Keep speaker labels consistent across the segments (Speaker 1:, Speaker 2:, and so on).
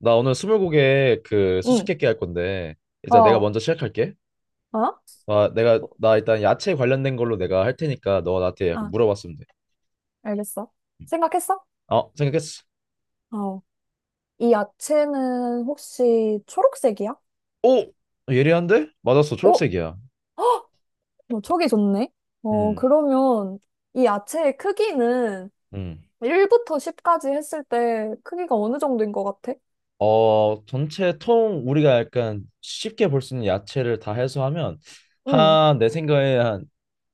Speaker 1: 나 오늘 스물고개 그
Speaker 2: 응,
Speaker 1: 수수께끼 할 건데
Speaker 2: 어,
Speaker 1: 이제 내가
Speaker 2: 어?
Speaker 1: 먼저 시작할게. 아, 내가 나 일단 야채 관련된 걸로 내가 할 테니까 너 나한테 약간
Speaker 2: 아,
Speaker 1: 물어봤으면 돼.
Speaker 2: 알겠어. 생각했어?
Speaker 1: 어, 생각했어.
Speaker 2: 어. 이 야채는 혹시 초록색이야?
Speaker 1: 오, 아, 예리한데? 맞았어.
Speaker 2: 어?
Speaker 1: 초록색이야.
Speaker 2: 헉! 너이 좋네? 어,
Speaker 1: 음,
Speaker 2: 그러면 이 야채의 크기는
Speaker 1: 음.
Speaker 2: 1부터 10까지 했을 때 크기가 어느 정도인 것 같아?
Speaker 1: 전체 통 우리가 약간 쉽게 볼 수 있는 야채를 다 해소하면
Speaker 2: 응,
Speaker 1: 한 내 생각에 한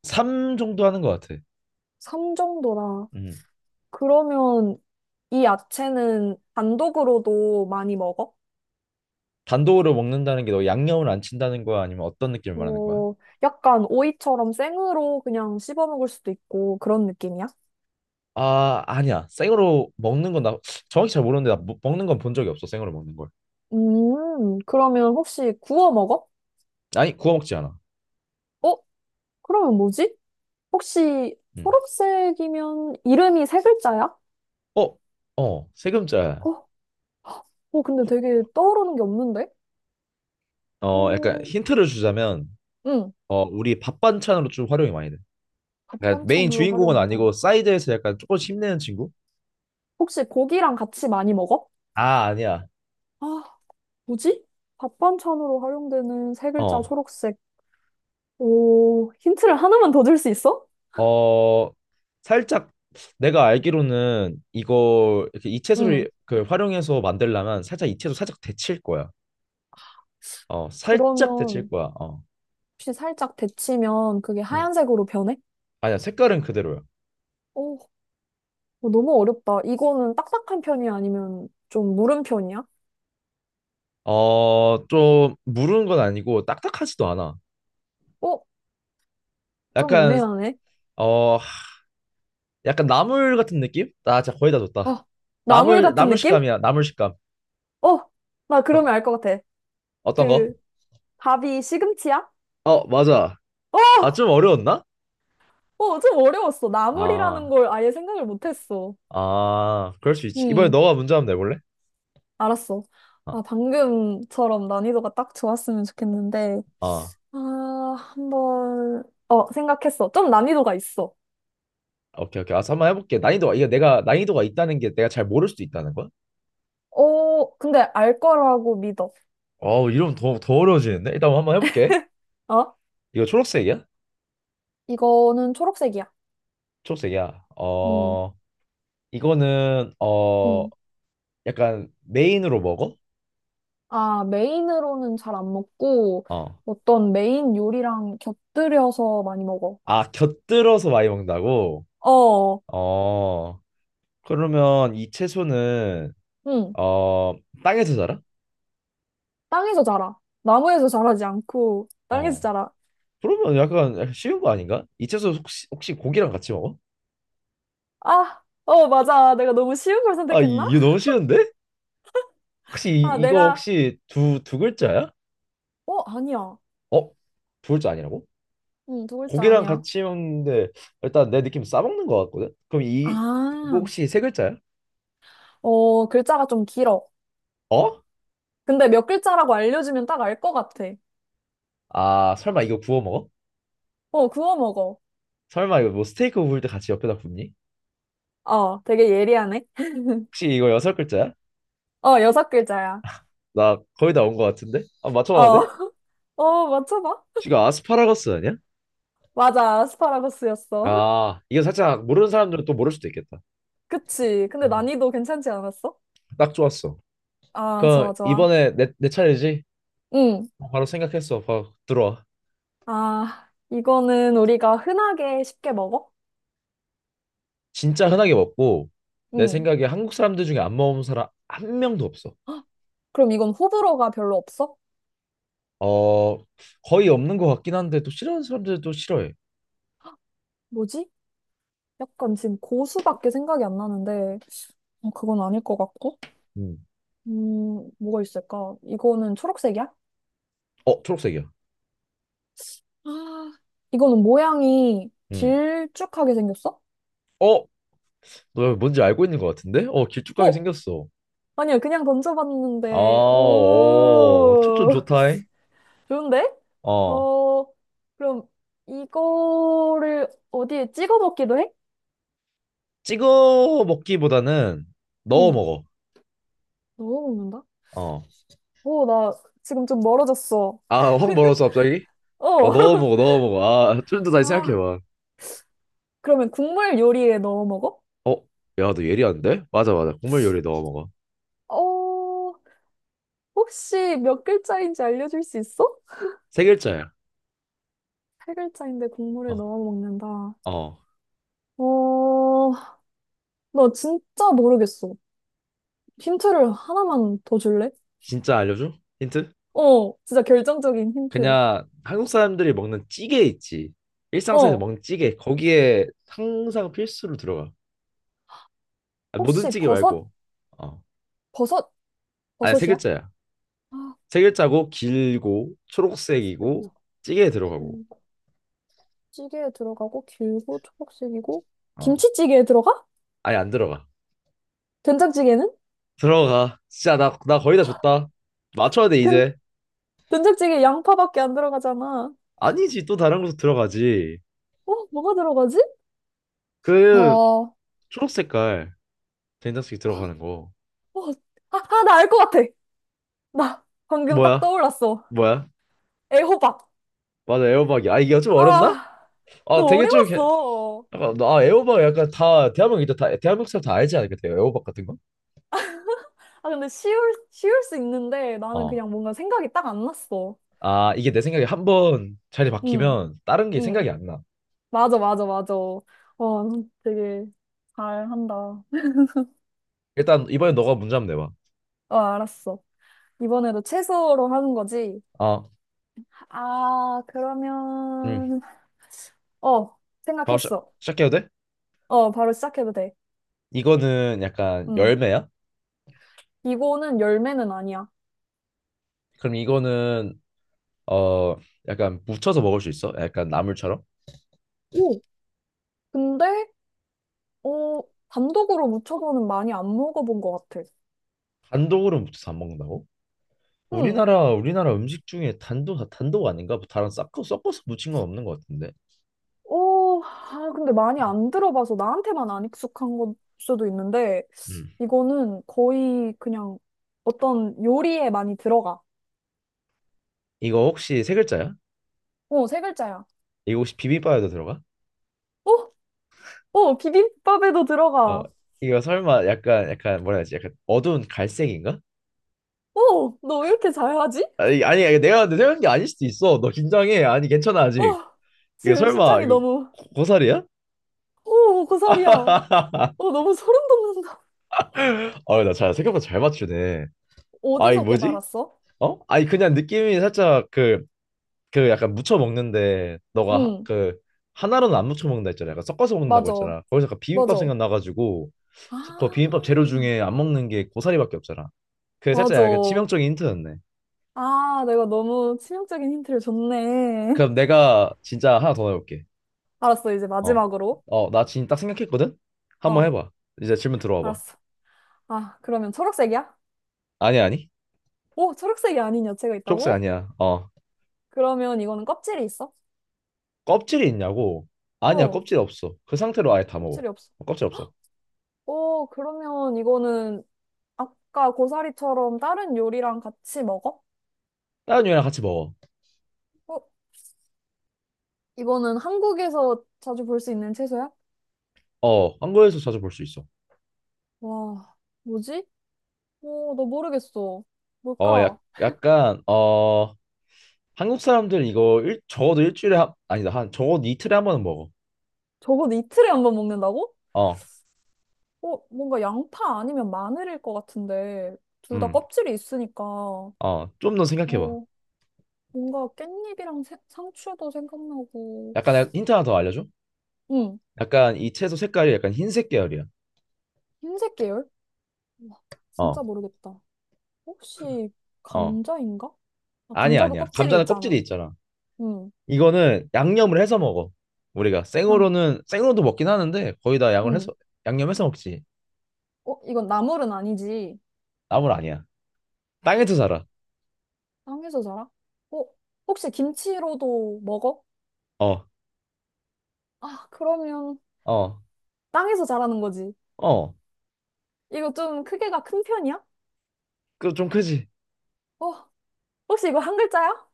Speaker 1: 3 정도 하는 것 같아.
Speaker 2: 3 정도라.
Speaker 1: 음.
Speaker 2: 그러면 이 야채는 단독으로도 많이 먹어?
Speaker 1: 단독으로 먹는다는 게 너 양념을 안 친다는 거야? 아니면 어떤 느낌을 말하는 거야?
Speaker 2: 어, 약간 오이처럼 생으로 그냥 씹어 먹을 수도 있고 그런 느낌이야?
Speaker 1: 아, 아니야. 생으로 먹는 건 나 정확히 잘 모르는데 나 먹는 건 본 적이 없어. 생으로 먹는 걸.
Speaker 2: 그러면 혹시 구워 먹어?
Speaker 1: 아니, 구워 먹지 않아.
Speaker 2: 어? 그러면 뭐지? 혹시
Speaker 1: 음.
Speaker 2: 초록색이면 이름이 세 글자야?
Speaker 1: 어, 어, 세금자야.
Speaker 2: 어, 어, 근데 되게 떠오르는 게 없는데?
Speaker 1: 약간
Speaker 2: 음,
Speaker 1: 힌트를 주자면
Speaker 2: 응,
Speaker 1: 우리 밥 반찬으로 좀 활용이 많이 돼. 그러니까 메인
Speaker 2: 밥반찬으로
Speaker 1: 주인공은
Speaker 2: 활용한다.
Speaker 1: 아니고 사이드에서 약간 조금씩 힘내는 친구?
Speaker 2: 혹시 고기랑 같이 많이 먹어?
Speaker 1: 아, 아니야.
Speaker 2: 아, 뭐지? 밥반찬으로 활용되는 세 글자
Speaker 1: 어.
Speaker 2: 초록색. 오, 힌트를 하나만 더 줄 수 있어?
Speaker 1: 어, 살짝 내가 알기로는 이거 이렇게
Speaker 2: 응,
Speaker 1: 이채소를 그 활용해서 만들려면 살짝 이채소 살짝 데칠 거야. 살짝 데칠
Speaker 2: 그러면
Speaker 1: 거야. 어.
Speaker 2: 혹시 살짝 데치면 그게
Speaker 1: 음.
Speaker 2: 하얀색으로 변해?
Speaker 1: 아니야. 색깔은 그대로야.
Speaker 2: 어, 어, 너무 어렵다. 이거는 딱딱한 편이야? 아니면 좀 무른 편이야?
Speaker 1: 좀 무르는 건 아니고 딱딱하지도 않아.
Speaker 2: 어? 좀
Speaker 1: 약간
Speaker 2: 애매하네.
Speaker 1: 어, 하- 약간 나물 같은 느낌? 나 진짜 거의 다 줬다.
Speaker 2: 어, 나물
Speaker 1: 나물
Speaker 2: 같은
Speaker 1: 나물
Speaker 2: 느낌?
Speaker 1: 식감이야. 나물 식감.
Speaker 2: 어, 나
Speaker 1: 딱
Speaker 2: 그러면 알 것 같아.
Speaker 1: 어떤 거?
Speaker 2: 그, 답이 시금치야?
Speaker 1: 어, 맞아. 아,
Speaker 2: 어!
Speaker 1: 좀 어려웠나?
Speaker 2: 어, 좀 어려웠어. 나물이라는
Speaker 1: 아,
Speaker 2: 걸 아예 생각을 못했어.
Speaker 1: 아, 그럴 수 있지. 이번에
Speaker 2: 음,
Speaker 1: 너가 문제 한번 내볼래?
Speaker 2: 알았어.
Speaker 1: 아,
Speaker 2: 아, 방금처럼 난이도가 딱 좋았으면 좋겠는데.
Speaker 1: 아,
Speaker 2: 아, 한번, 어, 생각했어. 좀 난이도가 있어.
Speaker 1: 오케이, 오케이. 아, 한번 해볼게. 난이도가 이게 내가 난이도가 있다는 게 내가 잘 모를 수도 있다는 거야?
Speaker 2: 어, 근데 알 거라고 믿어.
Speaker 1: 이러면 더 어려워지는데? 일단 한번 해볼게.
Speaker 2: 어?
Speaker 1: 이거 초록색이야?
Speaker 2: 이거는 초록색이야.
Speaker 1: 초록색이야.
Speaker 2: 음.
Speaker 1: 어, 이거는
Speaker 2: 응.
Speaker 1: 약간 메인으로 먹어?
Speaker 2: 아, 메인으로는 잘 안 먹고,
Speaker 1: 어.
Speaker 2: 어떤 메인 요리랑 곁들여서 많이 먹어.
Speaker 1: 아, 곁들여서 많이 먹는다고?
Speaker 2: 어,
Speaker 1: 어. 그러면 이 채소는
Speaker 2: 응.
Speaker 1: 어, 땅에서 자라?
Speaker 2: 땅에서 자라. 나무에서 자라지 않고, 땅에서
Speaker 1: 어.
Speaker 2: 자라.
Speaker 1: 그러면 약간 쉬운 거 아닌가? 이 채소 혹시 고기랑 같이 먹어?
Speaker 2: 아, 어, 맞아. 내가 너무 쉬운 걸
Speaker 1: 아, 이-
Speaker 2: 선택했나?
Speaker 1: 이거 너무 쉬운데? 혹시
Speaker 2: 아,
Speaker 1: 이거
Speaker 2: 내가,
Speaker 1: 혹시 두 글자야?
Speaker 2: 어, 아니야.
Speaker 1: 어? 두 글자 아니라고?
Speaker 2: 응, 두 글자
Speaker 1: 고기랑
Speaker 2: 아니야.
Speaker 1: 같이 먹는데 일단 내 느낌 싸먹는 거 같거든? 그럼 이 이거
Speaker 2: 아,
Speaker 1: 혹시 세 글자야?
Speaker 2: 어, 글자가 좀 길어.
Speaker 1: 어?
Speaker 2: 근데 몇 글자라고 알려주면 딱 알 것 같아.
Speaker 1: 아, 설마 이거 구워 먹어?
Speaker 2: 어, 구워 먹어.
Speaker 1: 설마 이거 뭐 스테이크 구울 때 같이 옆에다 굽니?
Speaker 2: 어, 되게 예리하네.
Speaker 1: 혹시 이거 여섯 글자야?
Speaker 2: 어, 여섯 글자야.
Speaker 1: 나 거의 다 온 것 같은데? 아, 맞춰봐도
Speaker 2: 어,
Speaker 1: 돼?
Speaker 2: 어, 맞춰봐.
Speaker 1: 지금 아스파라거스 아니야?
Speaker 2: 맞아, 아스파라거스였어.
Speaker 1: 아, 이거 살짝 모르는 사람들은 또 모를 수도 있겠다.
Speaker 2: 그치. 근데
Speaker 1: 음,
Speaker 2: 난이도 괜찮지 않았어?
Speaker 1: 딱 좋았어.
Speaker 2: 아,
Speaker 1: 그럼
Speaker 2: 좋아, 좋아.
Speaker 1: 이번에 내 차례지?
Speaker 2: 응.
Speaker 1: 바로 생각했어. 바로 들어와.
Speaker 2: 아, 이거는 우리가 흔하게 쉽게 먹어?
Speaker 1: 진짜 흔하게 먹고 내
Speaker 2: 응.
Speaker 1: 생각에 한국 사람들 중에 안 먹은 사람 한 명도 없어.
Speaker 2: 헉, 그럼 이건 호불호가 별로 없어?
Speaker 1: 어, 거의 없는 것 같긴 한데 또 싫어하는 사람들도 싫어해.
Speaker 2: 뭐지? 약간 지금 고수밖에 생각이 안 나는데, 어, 그건 아닐 것 같고.
Speaker 1: 음.
Speaker 2: 뭐가 있을까? 이거는 초록색이야?
Speaker 1: 어, 초록색이야.
Speaker 2: 아, 이거는 모양이
Speaker 1: 음.
Speaker 2: 길쭉하게 생겼어?
Speaker 1: 어, 너 뭔지 알고 있는 것 같은데? 어, 길쭉하게
Speaker 2: 어?
Speaker 1: 생겼어.
Speaker 2: 아니야, 그냥
Speaker 1: 아,
Speaker 2: 던져봤는데,
Speaker 1: 오, 초점
Speaker 2: 오,
Speaker 1: 좋다.
Speaker 2: 좋은데?
Speaker 1: 어,
Speaker 2: 어, 그럼 이거를 어디에 찍어 먹기도 해?
Speaker 1: 찍어 먹기보다는 넣어
Speaker 2: 응,
Speaker 1: 먹어.
Speaker 2: 너무 먹는다?
Speaker 1: 어.
Speaker 2: 오, 나 지금 좀 멀어졌어.
Speaker 1: 아, 확 멀었어, 갑자기? 어,
Speaker 2: 어.
Speaker 1: 넣어 먹어, 넣어 먹어. 아, 좀 더 다시
Speaker 2: 아,
Speaker 1: 생각해봐.
Speaker 2: 그러면 국물 요리에 넣어 먹어?
Speaker 1: 어, 야, 너 예리한데? 맞아, 맞아. 국물 요리 넣어 먹어.
Speaker 2: 어, 혹시 몇 글자인지 알려줄 수 있어?
Speaker 1: 세 글자야.
Speaker 2: 팔 글자인데 국물에
Speaker 1: 어,
Speaker 2: 넣어 먹는다.
Speaker 1: 어.
Speaker 2: 어, 나 진짜 모르겠어. 힌트를 하나만 더 줄래?
Speaker 1: 진짜 알려줘? 힌트?
Speaker 2: 어, 진짜 결정적인 힌트.
Speaker 1: 그냥 한국 사람들이 먹는 찌개 있지. 일상생활에서
Speaker 2: 어,
Speaker 1: 먹는 찌개. 거기에 항상 필수로 들어가. 아, 모든
Speaker 2: 혹시
Speaker 1: 찌개 말고. 어.
Speaker 2: 버섯,
Speaker 1: 아니, 세
Speaker 2: 버섯이야?
Speaker 1: 글자야.
Speaker 2: 아,
Speaker 1: 세 글자고, 길고, 초록색이고, 찌개에 들어가고.
Speaker 2: 진짜. 찌개에 들어가고 길고 초록색이고
Speaker 1: 어.
Speaker 2: 김치찌개에 들어가?
Speaker 1: 아니 안 들어가.
Speaker 2: 된장찌개는?
Speaker 1: 들어가. 진짜 나 거의 다 줬다. 맞춰야 돼
Speaker 2: 된,
Speaker 1: 이제.
Speaker 2: 된장찌개 양파밖에 안 들어가잖아.
Speaker 1: 아니지 또 다른 곳으로 들어가지.
Speaker 2: 어, 뭐가 들어가지? 어,
Speaker 1: 그
Speaker 2: 어,
Speaker 1: 초록 색깔 된장찌개 들어가는 거.
Speaker 2: 아, 나 알 것 같아. 나 방금 딱
Speaker 1: 뭐야?
Speaker 2: 떠올랐어.
Speaker 1: 뭐야?
Speaker 2: 애호박.
Speaker 1: 맞아 애호박이. 아 이게 좀 어렵나?
Speaker 2: 아,
Speaker 1: 아
Speaker 2: 너
Speaker 1: 되게 좀 이렇게
Speaker 2: 어려웠어.
Speaker 1: 약간 아 애호박 약간 다 대한민국 이제 다 대한민국 사람 다 알지 않을까? 요 애호박 같은 거?
Speaker 2: 아, 근데 쉬울 수 있는데 나는
Speaker 1: 어.
Speaker 2: 그냥 뭔가 생각이 딱 안 났어.
Speaker 1: 아 이게 내 생각에 한 번 자리
Speaker 2: 응,
Speaker 1: 바뀌면 다른 게
Speaker 2: 응.
Speaker 1: 생각이 안 나.
Speaker 2: 맞아, 맞아, 맞아. 와, 되게 잘한다.
Speaker 1: 일단 이번에 너가 문제 한번 내봐.
Speaker 2: 어, 알았어. 이번에도 채소로 하는 거지?
Speaker 1: 아,
Speaker 2: 아,
Speaker 1: 음.
Speaker 2: 그러면, 어,
Speaker 1: 바로 시작,
Speaker 2: 생각했어.
Speaker 1: 시작해도 돼?
Speaker 2: 어, 바로 시작해도 돼.
Speaker 1: 이거는 약간
Speaker 2: 음
Speaker 1: 열매야?
Speaker 2: 이거는 열매는 아니야.
Speaker 1: 그럼 이거는 어 약간 묻혀서 먹을 수 있어? 약간 나물처럼?
Speaker 2: 오, 근데, 어, 단독으로 무쳐서는 많이 안 먹어본 것 같아.
Speaker 1: 단독으로 묻혀서 안 먹는다고?
Speaker 2: 응.
Speaker 1: 우리나라 음식 중에 단독 다 단독 아닌가? 뭐 다른 섞어서 무친 건 없는 것 같은데.
Speaker 2: 오, 아, 근데 많이 안 들어봐서 나한테만 안 익숙한 걸 수도 있는데,
Speaker 1: 음.
Speaker 2: 이거는 거의 그냥 어떤 요리에 많이 들어가.
Speaker 1: 이거 혹시 세 글자야?
Speaker 2: 어, 세 글자야.
Speaker 1: 이거 혹시 비빔밥에도 들어가?
Speaker 2: 어, 어, 비빔밥에도
Speaker 1: 어
Speaker 2: 들어가.
Speaker 1: 이거 설마 약간 뭐라 해야지? 약간 어두운 갈색인가?
Speaker 2: 어, 너 왜 이렇게 잘하지?
Speaker 1: 아니 아니 아니, 내가 근데 생각한 게 아닐 수도 있어. 너 긴장해. 아니 괜찮아
Speaker 2: 어,
Speaker 1: 아직. 이거
Speaker 2: 지금
Speaker 1: 설마
Speaker 2: 심장이
Speaker 1: 이거
Speaker 2: 너무
Speaker 1: 고사리야?
Speaker 2: 오, 고사리야. 어, 너무 소름 돋는다.
Speaker 1: 아나잘 생각보다 잘 맞추네. 아이
Speaker 2: 어디서
Speaker 1: 뭐지?
Speaker 2: 깨달았어?
Speaker 1: 어? 아니 그냥 느낌이 살짝 그 약간 무쳐 먹는데 너가 하-
Speaker 2: 응,
Speaker 1: 그 하나로는 안 무쳐 먹는다 했잖아. 약간 섞어서 먹는다고
Speaker 2: 맞아,
Speaker 1: 했잖아. 거기서 약간 비빔밥
Speaker 2: 맞아.
Speaker 1: 생각나가지고 그 비빔밥 재료
Speaker 2: 아,
Speaker 1: 중에 안 먹는 게 고사리밖에 없잖아. 그게
Speaker 2: 맞아.
Speaker 1: 살짝 약간 치명적인 힌트였네.
Speaker 2: 아, 내가 너무 치명적인 힌트를 줬네.
Speaker 1: 그럼 내가 진짜 하나 더 넣어볼게.
Speaker 2: 알았어, 이제
Speaker 1: 어,
Speaker 2: 마지막으로.
Speaker 1: 어, 나 지금 딱 생각했거든. 한번
Speaker 2: 어,
Speaker 1: 해봐. 이제 질문 들어와봐.
Speaker 2: 알았어. 아, 그러면 초록색이야?
Speaker 1: 아니 아니,
Speaker 2: 오, 초록색이 아닌 야채가
Speaker 1: 초록색
Speaker 2: 있다고?
Speaker 1: 아니야. 어,
Speaker 2: 그러면 이거는 껍질이 있어?
Speaker 1: 껍질이 있냐고? 아니야,
Speaker 2: 어,
Speaker 1: 껍질 없어. 그 상태로 아예 다 먹어.
Speaker 2: 껍질이 없어.
Speaker 1: 어, 껍질 없어.
Speaker 2: 오, 그러면 이거는 아까 고사리처럼 다른 요리랑 같이 먹어?
Speaker 1: 다른 유랑 같이 먹어.
Speaker 2: 어, 이거는 한국에서 자주 볼 수 있는 채소야?
Speaker 1: 어, 한국에서 자주 볼 수 있어.
Speaker 2: 와, 뭐지? 어, 나 모르겠어.
Speaker 1: 어, 약,
Speaker 2: 뭘까?
Speaker 1: 약간 어. 한국 사람들은 이거 일, 적어도 일주일에 한, 아니다 한 적어도 이틀에 한 번은 먹어.
Speaker 2: 저걸 이틀에 한 번 먹는다고?
Speaker 1: 어,
Speaker 2: 어, 뭔가 양파 아니면 마늘일 것 같은데, 둘 다
Speaker 1: 음,
Speaker 2: 껍질이 있으니까, 어,
Speaker 1: 좀 더 생각해봐.
Speaker 2: 뭔가 깻잎이랑 새- 상추도 생각나고,
Speaker 1: 약간 내가 힌트 하나 더 알려줘?
Speaker 2: 응,
Speaker 1: 약간 이 채소 색깔이 약간 흰색 계열이야.
Speaker 2: 흰색 계열? 와, 진짜
Speaker 1: 어,
Speaker 2: 모르겠다. 혹시
Speaker 1: 어,
Speaker 2: 감자인가? 아,
Speaker 1: 아니야
Speaker 2: 감자도
Speaker 1: 아니야.
Speaker 2: 껍질이
Speaker 1: 감자는 껍질이
Speaker 2: 있잖아.
Speaker 1: 있잖아.
Speaker 2: 응,
Speaker 1: 이거는 양념을 해서 먹어. 우리가
Speaker 2: 그냥,
Speaker 1: 생으로는 생으로도 먹긴 하는데 거의 다 양을
Speaker 2: 응.
Speaker 1: 해서 양념해서 먹지.
Speaker 2: 어, 이건 나물은 아니지.
Speaker 1: 나물 아니야. 땅에서
Speaker 2: 아,
Speaker 1: 자라.
Speaker 2: 땅에서 자라? 어, 혹시 김치로도 먹어?
Speaker 1: 어,
Speaker 2: 아, 그러면
Speaker 1: 어,
Speaker 2: 땅에서 자라는 거지.
Speaker 1: 어.
Speaker 2: 이거 좀 크기가 큰 편이야?
Speaker 1: 그 좀 크지?
Speaker 2: 어, 혹시 이거 한 글자야?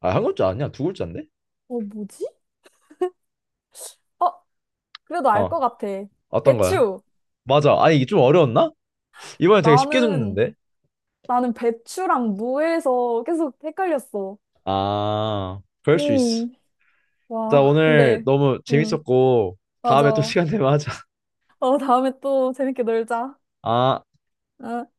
Speaker 1: 아, 한 글자 아니야? 두 글자인데?
Speaker 2: 어, 뭐지? 어, 그래도 알
Speaker 1: 어,
Speaker 2: 것 같아.
Speaker 1: 어떤 거야?
Speaker 2: 배추.
Speaker 1: 맞아. 아니 이게 좀 어려웠나? 이번에 되게 쉽게
Speaker 2: 나는,
Speaker 1: 줬는데.
Speaker 2: 나는 배추랑 무에서 계속 헷갈렸어.
Speaker 1: 아, 그럴 수 있어.
Speaker 2: 음,
Speaker 1: 나
Speaker 2: 와,
Speaker 1: 오늘
Speaker 2: 근데,
Speaker 1: 너무
Speaker 2: 음,
Speaker 1: 재밌었고, 다음에 또
Speaker 2: 맞아.
Speaker 1: 시간 되면 하자.
Speaker 2: 어, 다음에 또 재밌게 놀자.
Speaker 1: 아.
Speaker 2: 어.